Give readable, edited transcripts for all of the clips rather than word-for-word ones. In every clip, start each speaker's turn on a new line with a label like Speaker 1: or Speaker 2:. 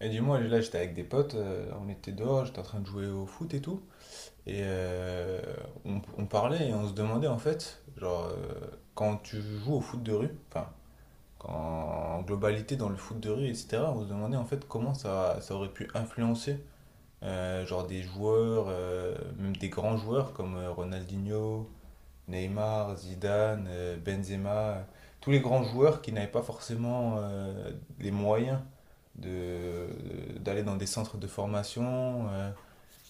Speaker 1: Et dis-moi, là j'étais avec des potes, on était dehors, j'étais en train de jouer au foot et tout, et on parlait et on se demandait en fait, genre, quand tu joues au foot de rue, enfin, en globalité dans le foot de rue, etc., on se demandait en fait comment ça, ça aurait pu influencer, genre des joueurs, même des grands joueurs comme Ronaldinho, Neymar, Zidane, Benzema, tous les grands joueurs qui n'avaient pas forcément les moyens de, d'aller dans des centres de formation,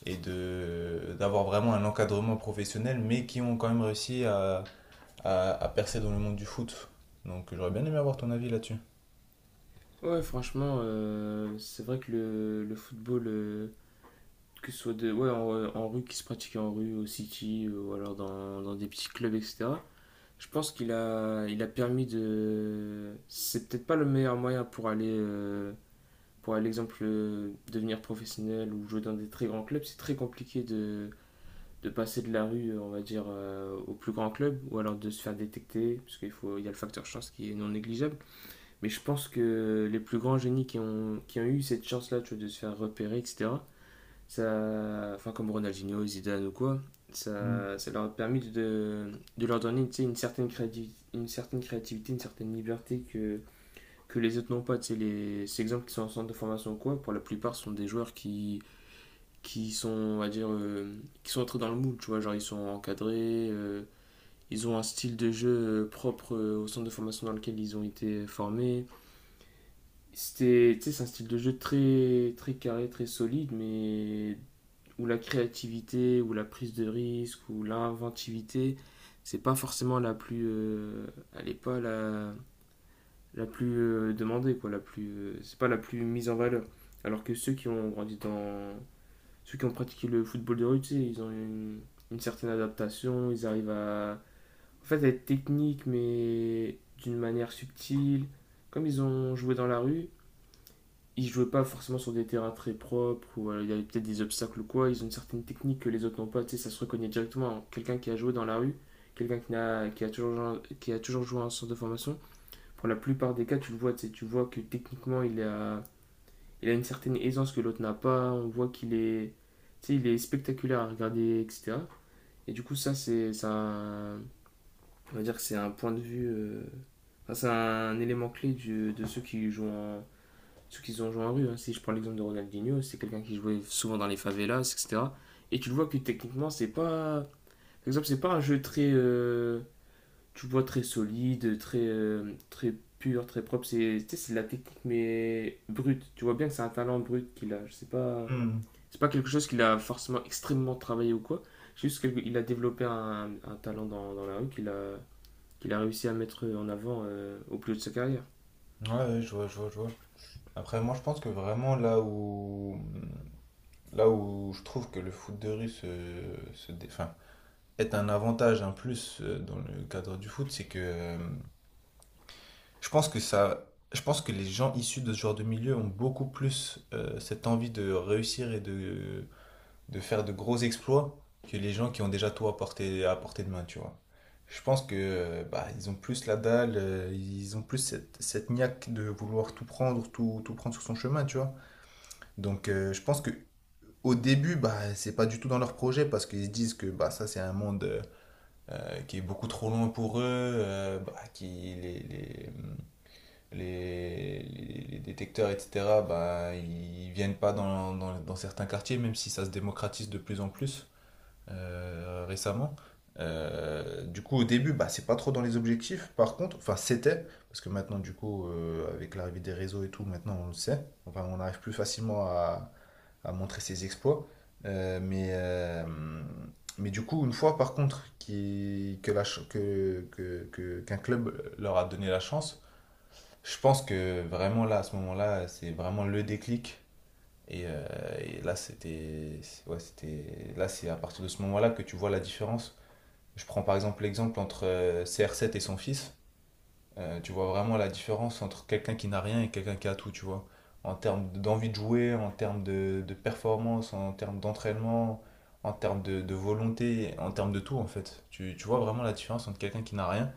Speaker 1: et d'avoir vraiment un encadrement professionnel, mais qui ont quand même réussi à, à percer dans le monde du foot. Donc j'aurais bien aimé avoir ton avis là-dessus.
Speaker 2: Ouais, franchement, c'est vrai que le football, que ce soit de, ouais, en rue, qui se pratique en rue, au city, ou alors dans des petits clubs, etc. Je pense qu'il a permis de... C'est peut-être pas le meilleur moyen pour aller, pour à l'exemple, devenir professionnel ou jouer dans des très grands clubs. C'est très compliqué de passer de la rue, on va dire, au plus grand club, ou alors de se faire détecter, parce qu'il faut, il y a le facteur chance qui est non négligeable. Mais je pense que les plus grands génies qui ont eu cette chance-là, tu vois, de se faire repérer, etc. Ça, enfin, comme Ronaldinho, Zidane ou quoi,
Speaker 1: Mm.
Speaker 2: ça leur a permis de leur donner, tu sais, une certaine créativité, une certaine créativité, une certaine liberté que les autres n'ont pas. Tu sais, les, ces exemples qui sont en centre de formation ou quoi, pour la plupart, sont des joueurs qui sont, on va dire, qui sont entrés dans le moule, tu vois, genre ils sont encadrés, ils ont un style de jeu propre au centre de formation dans lequel ils ont été formés. C'était, tu sais, c'est un style de jeu très, très carré, très solide, mais où la créativité, où la prise de risque, où l'inventivité, c'est pas forcément la plus, elle est pas la, la plus demandée, quoi, la plus, c'est pas la plus mise en valeur. Alors que ceux qui ont grandi dans, ceux qui ont pratiqué le football de rue, tu sais, ils ont une certaine adaptation, ils arrivent à, en fait, à être techniques, mais d'une manière subtile. Comme ils ont joué dans la rue, ils jouaient pas forcément sur des terrains très propres ou il y avait peut-être des obstacles ou quoi. Ils ont une certaine technique que les autres n'ont pas. Tu sais, ça se reconnaît directement. Quelqu'un qui a joué dans la rue, quelqu'un qui, a toujours, qui a toujours joué en centre de formation, pour la plupart des cas, tu le vois. Tu sais, tu vois que techniquement, il a une certaine aisance que l'autre n'a pas. On voit qu'il est, tu sais, il est spectaculaire à regarder, etc. Et du coup, ça, c'est un, on va dire que c'est un point de vue. Enfin, c'est un élément clé de ceux qui jouent en, ceux qui ont joué en rue, hein. Si je prends l'exemple de Ronaldinho, c'est quelqu'un qui jouait souvent dans les favelas, etc. Et tu le vois que techniquement, c'est pas. Par exemple, c'est pas un jeu très. Tu vois, très solide, très, très pur, très propre. C'est tu sais, c'est de la technique, mais brute. Tu vois bien que c'est un talent brut qu'il a. Je sais pas.
Speaker 1: Hmm.
Speaker 2: C'est pas quelque chose qu'il a forcément extrêmement travaillé ou quoi. C'est juste qu'il a développé un talent dans, dans la rue qu'il a, qu'il a réussi à mettre en avant au plus haut de sa carrière.
Speaker 1: Ouais, ouais, je vois, je vois, je vois. Après, moi, je pense que vraiment là où je trouve que le foot de rue se, enfin, être un avantage, un plus, dans le cadre du foot, c'est que je pense que ça, je pense que les gens issus de ce genre de milieu ont beaucoup plus, cette envie de réussir et de faire de gros exploits que les gens qui ont déjà tout à portée de main, tu vois. Je pense que bah, ils ont plus la dalle, ils ont plus cette, cette niaque de vouloir tout prendre, tout, tout prendre sur son chemin, tu vois. Donc je pense que au début, bah, c'est pas du tout dans leur projet parce qu'ils se disent que bah, ça c'est un monde, qui est beaucoup trop loin pour eux, bah, qui les, les, les détecteurs, etc., bah, ils viennent pas dans certains quartiers, même si ça se démocratise de plus en plus récemment. Du coup, au début, bah, c'est pas trop dans les objectifs. Par contre, enfin, c'était, parce que maintenant, du coup, avec l'arrivée des réseaux et tout, maintenant, on le sait. Enfin, on arrive plus facilement à montrer ses exploits. Euh, mais, euh, mais du coup, une fois, par contre, qui, que la, ch- que- qu'un club leur a donné la chance, je pense que vraiment là, à ce moment-là, c'est vraiment le déclic et, euh, et là, ouais, c'était, là, c'est à partir de ce moment-là que tu vois la différence. Je prends par exemple l'exemple entre CR7 et son fils. Tu vois vraiment la différence entre quelqu'un qui n'a rien et quelqu'un qui a tout, tu vois. En termes d'envie de jouer, en termes de performance, en termes d'entraînement, en termes de volonté, en termes de tout, en fait. Tu vois vraiment la différence entre quelqu'un qui n'a rien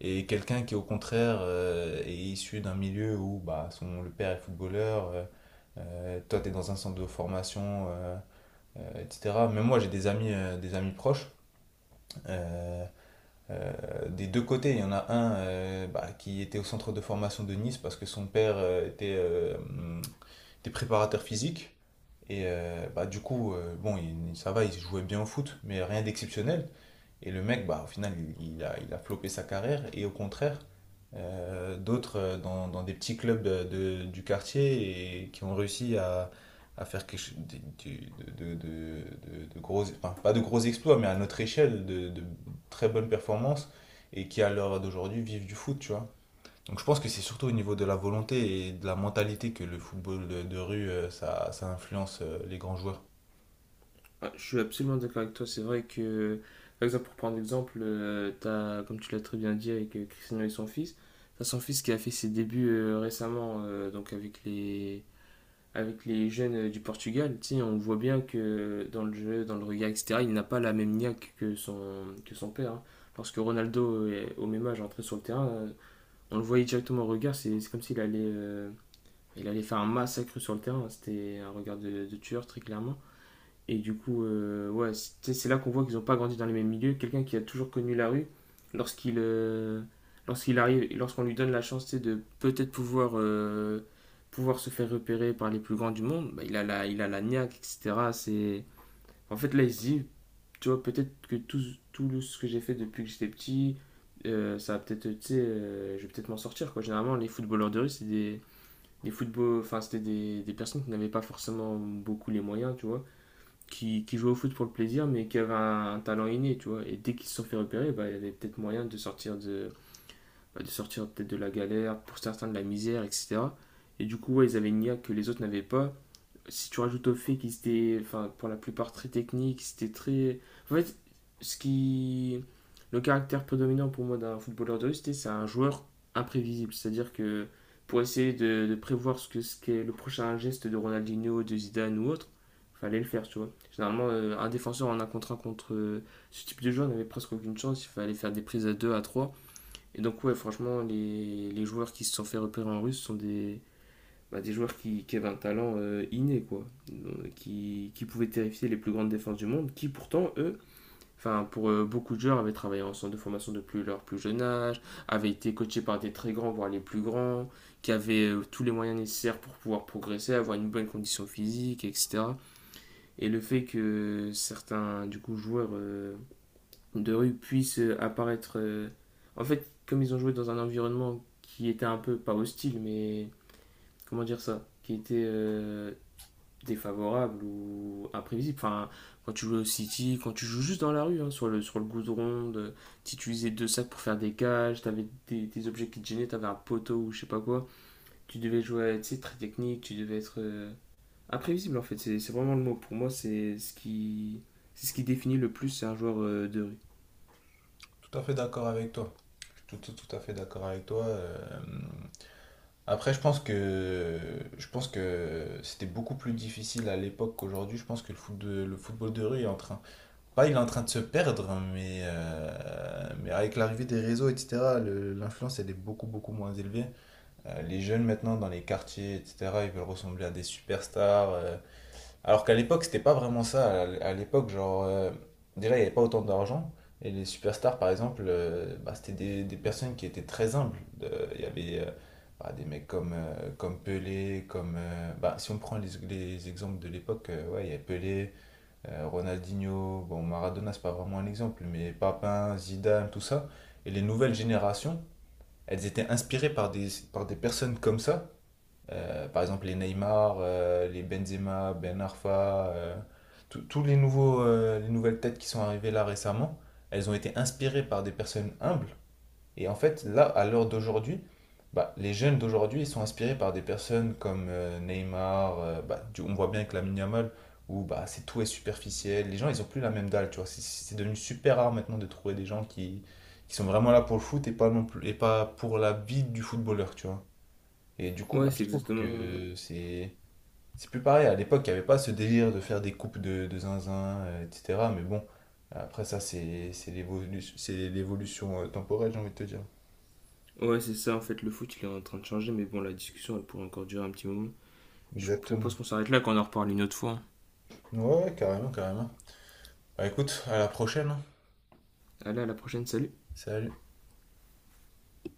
Speaker 1: et quelqu'un qui, au contraire, est issu d'un milieu où bah, le père est footballeur, toi, tu es dans un centre de formation, etc. Mais moi, j'ai des amis proches, euh, des deux côtés, il y en a un, bah, qui était au centre de formation de Nice parce que son père, était, était préparateur physique. Et bah, du coup, bon, ça va, il jouait bien au foot, mais rien d'exceptionnel. Et le mec, bah, au final, il a flopé sa carrière. Et au contraire, d'autres, dans, dans des petits clubs du quartier et qui ont réussi à faire quelque chose de gros, enfin, pas de gros exploits, mais à notre échelle, de très bonnes performances et qui, à l'heure d'aujourd'hui, vivent du foot, tu vois. Donc je pense que c'est surtout au niveau de la volonté et de la mentalité que le football de rue, ça, ça influence, les grands joueurs.
Speaker 2: Ah, je suis absolument d'accord avec toi. C'est vrai que, par exemple, pour prendre l'exemple, t'as, comme tu l'as très bien dit avec Cristiano et son fils, t'as son fils qui a fait ses débuts récemment, donc avec les jeunes du Portugal. Tu sais, on voit bien que dans le jeu, dans le regard, etc., il n'a pas la même niaque que son père, hein. Lorsque Ronaldo, au même âge, entrait sur le terrain, on le voyait directement au regard. C'est comme s'il allait, il allait faire un massacre sur le terrain. C'était un regard de tueur, très clairement. Et du coup, ouais, c'est là qu'on voit qu'ils n'ont pas grandi dans les mêmes milieux. Quelqu'un qui a toujours connu la rue, lorsqu'il euh, lorsqu'il arrive, et lorsqu'on lui donne la chance tu sais, de peut-être pouvoir, pouvoir se faire repérer par les plus grands du monde, bah, il a la niaque, etc. C'est... En fait, là, il se dit, tu vois, peut-être que tout, tout ce que j'ai fait depuis que j'étais petit, ça va peut-être, tu sais, je vais peut-être m'en sortir, quoi. Généralement, les footballeurs de rue, c'est des football, enfin, c'était des personnes qui n'avaient pas forcément beaucoup les moyens, tu vois qui jouait au foot pour le plaisir, mais qui avait un talent inné, tu vois. Et dès qu'ils se sont fait repérer, bah, il y avait peut-être moyen de sortir de, bah, de sortir peut-être de la galère, pour certains de la misère, etc. Et du coup, ouais, ils avaient une IA que les autres n'avaient pas, si tu rajoutes au fait qu'ils étaient, enfin, pour la plupart très techniques, c'était très. En fait, ce qui. Le caractère prédominant pour moi d'un footballeur de rue, c'est un joueur imprévisible. C'est-à-dire que pour essayer de prévoir ce qu'est le prochain geste de Ronaldinho, de Zidane ou autre, fallait le faire, tu vois. Généralement, un défenseur en un contre ce type de joueur n'avait presque aucune chance. Il fallait faire des prises à 2, à 3. Et donc, ouais, franchement, les joueurs qui se sont fait repérer en russe sont des, bah, des joueurs qui avaient un talent inné, quoi, qui pouvaient terrifier les plus grandes défenses du monde, qui pourtant, eux, enfin pour beaucoup de joueurs, avaient travaillé en centre de formation depuis leur plus jeune âge, avaient été coachés par des très grands, voire les plus grands, qui avaient tous les moyens nécessaires pour pouvoir progresser, avoir une bonne condition physique, etc. Et le fait que certains du coup joueurs de rue puissent apparaître, en fait, comme ils ont joué dans un environnement qui était un peu pas hostile, mais comment dire ça, qui était défavorable ou imprévisible. Enfin, quand tu joues au City, quand tu joues juste dans la rue, hein, sur le goudron, de, si tu utilisais deux sacs pour faire des cages, t'avais des objets qui te gênaient, t'avais un poteau ou je sais pas quoi. Tu devais jouer, tu sais, très technique, tu devais être imprévisible en fait. C'est vraiment le mot. Pour moi, c'est ce qui définit le plus un joueur de rue.
Speaker 1: Tout à fait d'accord avec toi. Je suis tout à fait d'accord avec toi. Après, je pense que c'était beaucoup plus difficile à l'époque qu'aujourd'hui. Je pense que le football de rue est en train, pas il est en train de se perdre, mais avec l'arrivée des réseaux, etc., l'influence elle est beaucoup moins élevée. Les jeunes maintenant dans les quartiers, etc., ils veulent ressembler à des superstars. Alors qu'à l'époque, c'était pas vraiment ça. À l'époque, genre, déjà, il n'y avait pas autant d'argent. Et les superstars, par exemple, bah, c'était des personnes qui étaient très humbles. Il y avait bah, des mecs comme, comme Pelé, comme, bah, si on prend les exemples de l'époque, ouais, il y avait Pelé, Ronaldinho, bon, Maradona, c'est pas vraiment un exemple, mais Papin, Zidane, tout ça. Et les nouvelles générations, elles étaient inspirées par des personnes comme ça, par exemple, les Neymar, les Benzema, Ben Arfa, tous les nouveaux, les nouvelles têtes qui sont arrivées là récemment, elles ont été inspirées par des personnes humbles. Et en fait, là, à l'heure d'aujourd'hui, bah, les jeunes d'aujourd'hui, ils sont inspirés par des personnes comme Neymar. Bah, on voit bien avec Lamine Yamal, où bah, c'est tout est superficiel. Les gens, ils ont plus la même dalle, tu vois. C'est devenu super rare maintenant de trouver des gens qui sont vraiment là pour le foot et pas, non plus, et pas pour la vie du footballeur, tu vois. Et du coup,
Speaker 2: Ouais,
Speaker 1: bah, je
Speaker 2: c'est
Speaker 1: trouve
Speaker 2: exactement.
Speaker 1: que c'est plus pareil. À l'époque, il n'y avait pas ce délire de faire des coupes de zinzin, etc. Mais bon, après ça, c'est l'évolution, c'est l'évolution, temporelle, j'ai envie de te dire.
Speaker 2: Ouais, c'est ça en fait. Le foot, il est en train de changer, mais bon, la discussion, elle pourrait encore durer un petit moment. Je
Speaker 1: Exactement.
Speaker 2: propose qu'on s'arrête là, qu'on en reparle une autre fois.
Speaker 1: Ouais, ouais, carrément, carrément. Bah écoute, à la prochaine, hein.
Speaker 2: Allez, à la prochaine, salut!
Speaker 1: Salut.